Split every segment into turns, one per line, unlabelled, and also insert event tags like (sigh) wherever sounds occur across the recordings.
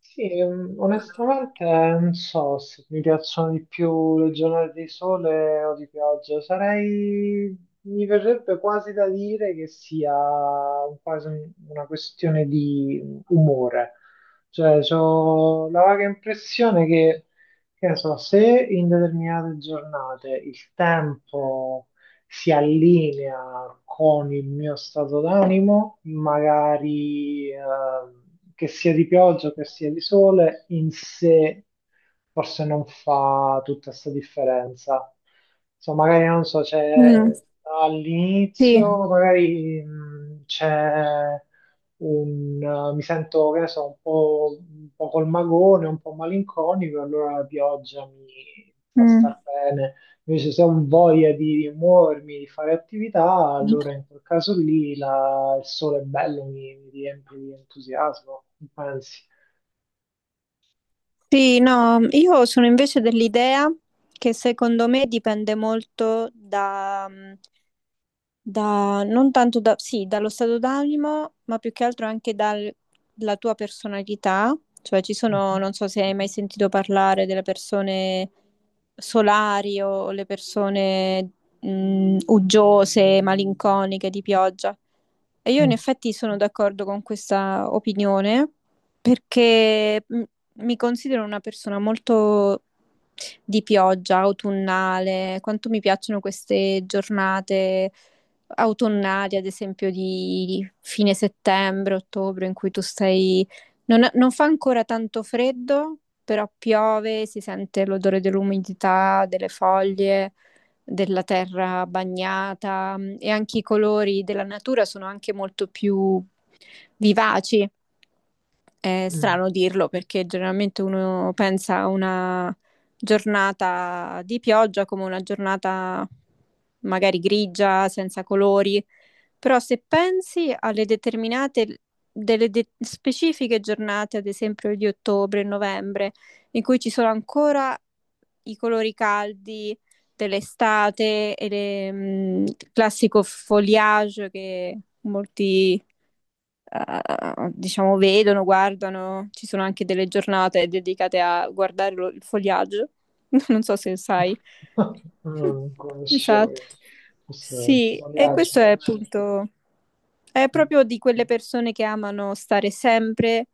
Sì, onestamente non so se mi piacciono di più le giornate di sole o di pioggia. Sarei, mi verrebbe quasi da dire che sia una questione di umore. Cioè, ho la vaga impressione che ne so, se in determinate giornate il tempo si allinea con il mio stato d'animo, magari che sia di pioggia, che sia di sole, in sé forse non fa tutta questa differenza. Insomma, magari non so,
Mm,
c'è
sì. Eh?
all'inizio, magari, mi sento, che ne so, un po' col magone, un po' malinconico, allora la pioggia mi fa
Mm.
star bene. Invece se ho voglia di muovermi, di fare attività, allora in quel caso lì il sole è bello, mi riempie di entusiasmo, pensi.
Sì, no, io sono invece dell'idea che secondo me dipende molto da, mm, Da, non tanto da, sì, dallo stato d'animo, ma più che altro anche dalla tua personalità. Cioè, ci sono,
Mhm.
non so se hai mai sentito parlare delle persone solari o le persone uggiose, malinconiche, di pioggia. E io in
Mm.
effetti sono d'accordo con questa opinione perché mi considero una persona molto di pioggia, autunnale, quanto mi piacciono queste giornate autunnali, ad esempio di fine settembre, ottobre, in cui tu stai. Non fa ancora tanto freddo, però piove, si sente l'odore dell'umidità, delle foglie, della terra bagnata, e anche i colori della natura sono anche molto più vivaci. È
Mm.
strano dirlo perché generalmente uno pensa a una giornata di pioggia come una giornata magari grigia, senza colori, però se pensi alle determinate, specifiche giornate, ad esempio di ottobre e novembre, in cui ci sono ancora i colori caldi dell'estate e il classico foliage che molti diciamo, vedono, guardano. Ci sono anche delle giornate dedicate a guardare il fogliaggio. (laughs) Non so se sai.
(laughs) Non conoscevo
Esatto.
questo
Sì, e
foliage
questo è
watching.
appunto, è
Mm.
proprio di quelle persone che amano stare sempre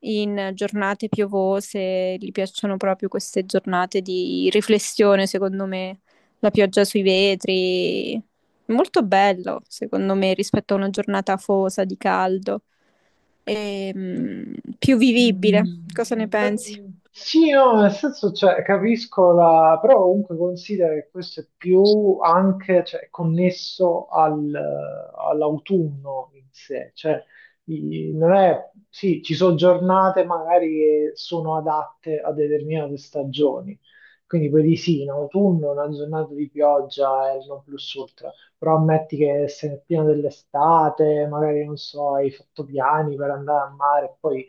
in giornate piovose, gli piacciono proprio queste giornate di riflessione, secondo me, la pioggia sui vetri. Molto bello, secondo me, rispetto a una giornata afosa di caldo, e più vivibile.
Mm.
Cosa ne
Eh,
pensi?
sì, no, nel senso, cioè, capisco la... però comunque considera che questo è più anche, cioè, connesso all'autunno in sé, cioè, non è... Sì, ci sono giornate magari che sono adatte a determinate stagioni, quindi poi di sì, in autunno una giornata di pioggia è il non plus ultra, però ammetti che sei nel pieno dell'estate, magari, non so, hai fatto piani per andare al mare, e poi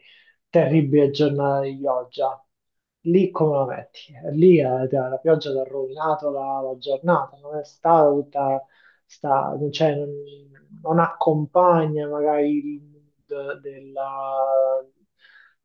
terribile giornata di pioggia. Lì come la metti? Lì la pioggia ti ha rovinato la giornata, non è stata tutta, sta, non, c'è- non- non accompagna magari il mood della,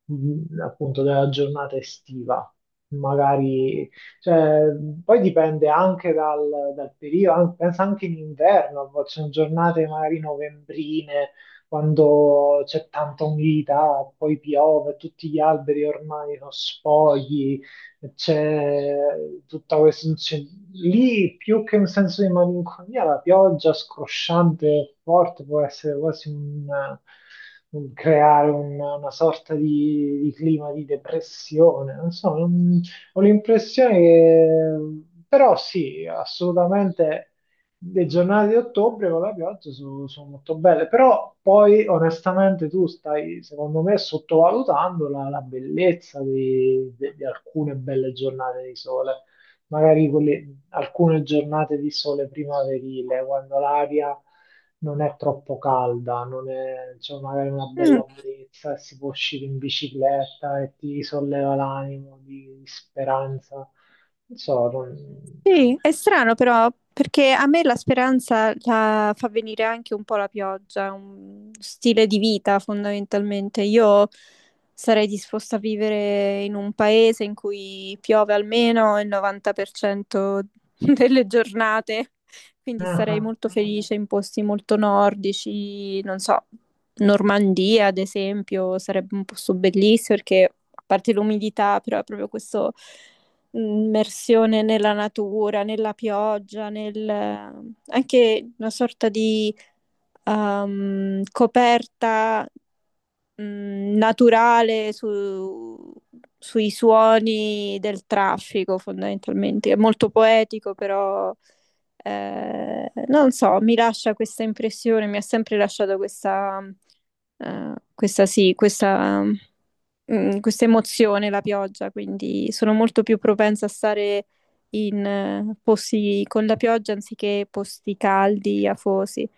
mh, appunto della giornata estiva. Magari, cioè, poi dipende anche dal periodo, pensa anche in inverno, ci sono giornate magari novembrine quando c'è tanta umidità, poi piove, tutti gli alberi ormai sono spogli, c'è tutta questa... c'è- Lì più che un senso di malinconia, la pioggia scrosciante e forte può essere quasi un creare una sorta di clima di depressione. Non so, ho l'impressione che... Però sì, assolutamente le giornate di ottobre con la pioggia sono so molto belle, però poi onestamente tu stai, secondo me, sottovalutando la bellezza di alcune belle giornate di sole, magari alcune giornate di sole primaverile, quando l'aria non è troppo calda, non è, c'è magari una
Mm.
bella brezza, e si può uscire in bicicletta e ti solleva l'animo di speranza. Non so, non...
Sì, è strano però, perché a me la speranza la fa venire anche un po' la pioggia, è un stile di vita fondamentalmente. Io sarei disposta a vivere in un paese in cui piove almeno il 90% (laughs) delle giornate, quindi sarei
Ah,
molto felice in posti molto nordici, non so, Normandia ad esempio, sarebbe un posto bellissimo perché a parte l'umidità, però è proprio questo immersione nella natura, nella pioggia, nel, anche una sorta di coperta naturale sui suoni del traffico, fondamentalmente. È molto poetico, però non so, mi lascia questa impressione, mi ha sempre lasciato questa sì, questa questa emozione, la pioggia, quindi sono molto più propensa a stare in posti con la pioggia anziché posti caldi, afosi.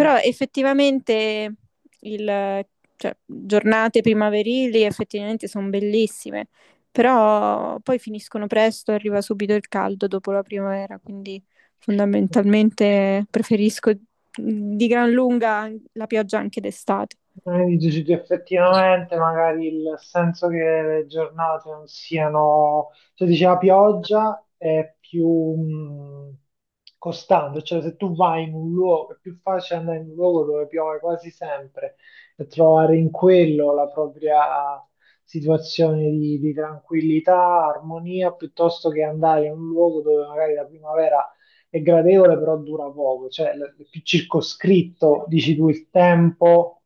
ah.
effettivamente il, cioè, giornate primaverili effettivamente sono bellissime, però poi finiscono presto, arriva subito il caldo dopo la primavera, quindi fondamentalmente preferisco di gran lunga la pioggia anche d'estate.
Dici che effettivamente magari il senso che le giornate non siano, cioè dici la pioggia è più mh, costante, cioè se tu vai in un luogo, è più facile andare in un luogo dove piove quasi sempre e trovare in quello la propria situazione di tranquillità, armonia, piuttosto che andare in un luogo dove magari la primavera è gradevole, però dura poco, cioè è più circoscritto, dici tu, il tempo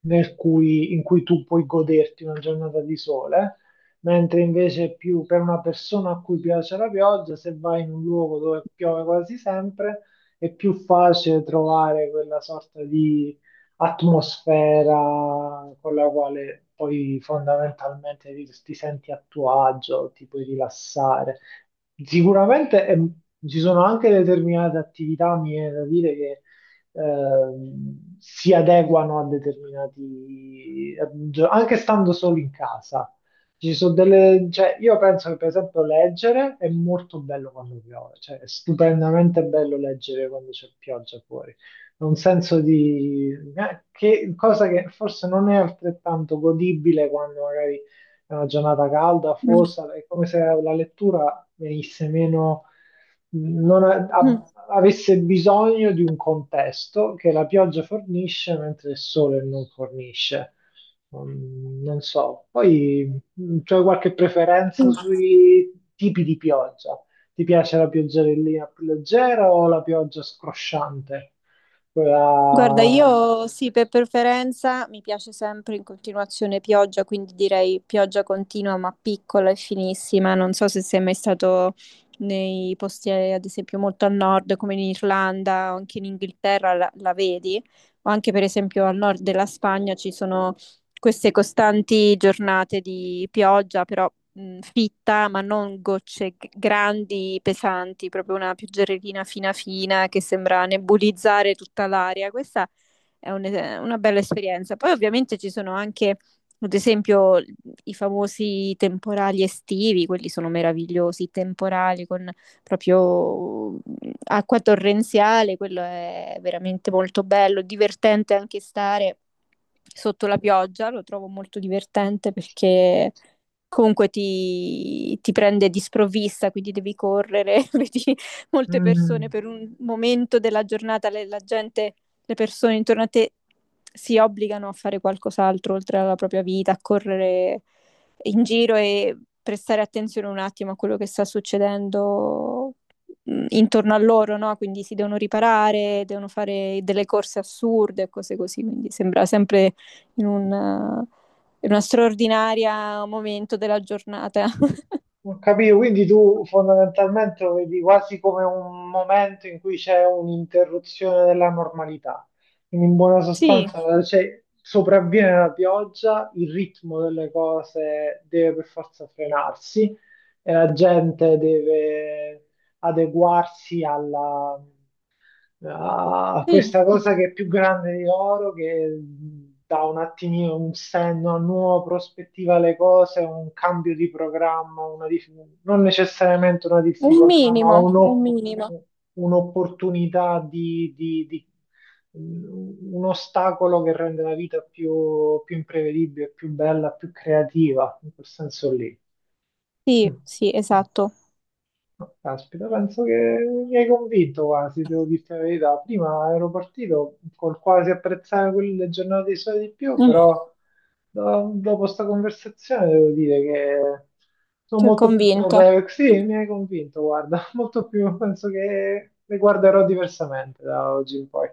in cui tu puoi goderti una giornata di sole, mentre invece più per una persona a cui piace la pioggia, se vai in un luogo dove piove quasi sempre, è più facile trovare quella sorta di atmosfera con la quale poi fondamentalmente ti, ti senti a tuo agio, ti puoi rilassare. Sicuramente ci sono anche determinate attività, mi viene da dire, che si adeguano a determinati, anche stando solo in casa. Ci sono delle, cioè, io penso che per esempio leggere è molto bello quando piove, cioè è stupendamente bello leggere quando c'è pioggia fuori. È un senso di cosa che forse non è altrettanto godibile quando magari è una giornata calda,
Mm.
fossa, è come se la lettura venisse meno, non a- a- avesse bisogno di un contesto che la pioggia fornisce mentre il sole non fornisce. Mm, non so, poi c'è qualche preferenza
Mm.
sui tipi di pioggia? Ti piace la pioggerellina più leggera o la pioggia scrosciante?
Guarda,
Quella...
io sì, per preferenza mi piace sempre in continuazione pioggia, quindi direi pioggia continua ma piccola e finissima. Non so se sei mai stato nei posti, ad esempio, molto a nord, come in Irlanda o anche in Inghilterra, la vedi, o anche per esempio al nord della Spagna ci sono queste costanti giornate di pioggia, però fitta, ma non gocce grandi, pesanti, proprio una pioggerellina fina fina che sembra nebulizzare tutta l'aria. Questa è un- una bella esperienza. Poi ovviamente ci sono anche, ad esempio, i famosi temporali estivi, quelli sono meravigliosi, i temporali con proprio acqua torrenziale, quello è veramente molto bello, divertente anche stare sotto la pioggia, lo trovo molto divertente perché comunque ti prende di sprovvista, quindi devi correre, (laughs) vedi molte persone
Mm.
per un momento della giornata, la gente, le persone intorno a te si obbligano a fare qualcos'altro oltre alla propria vita, a correre in giro e prestare attenzione un attimo a quello che sta succedendo intorno a loro, no? Quindi si devono riparare, devono fare delle corse assurde e cose così, quindi sembra sempre in in uno straordinario momento della giornata. (laughs)
Ho capito, quindi tu fondamentalmente lo vedi quasi come un momento in cui c'è un'interruzione della normalità. Quindi in buona
Sì,
sostanza, cioè, sopravviene la pioggia, il ritmo delle cose deve per forza frenarsi e la gente deve adeguarsi a
sì,
questa cosa che è più grande di loro, che dà un attimino un senno, una nuova prospettiva alle cose, un cambio di programma, non necessariamente una
un
difficoltà, ma
minimo, un
un'op-
minimo.
un'opportunità di, di- di- un ostacolo che rende la vita più, più imprevedibile, più bella, più creativa, in quel senso lì.
Sì,
Mm.
sì, esatto.
No, caspita, penso che mi hai convinto quasi, devo dirti la verità. Prima ero partito col quasi apprezzare quelle giornate di sole di più,
Mm,
però dopo questa conversazione devo dire che sono
ti ho
molto più
convinto.
propenso. Sì, mi hai convinto, guarda, (laughs) molto più, penso che le guarderò diversamente da oggi in poi.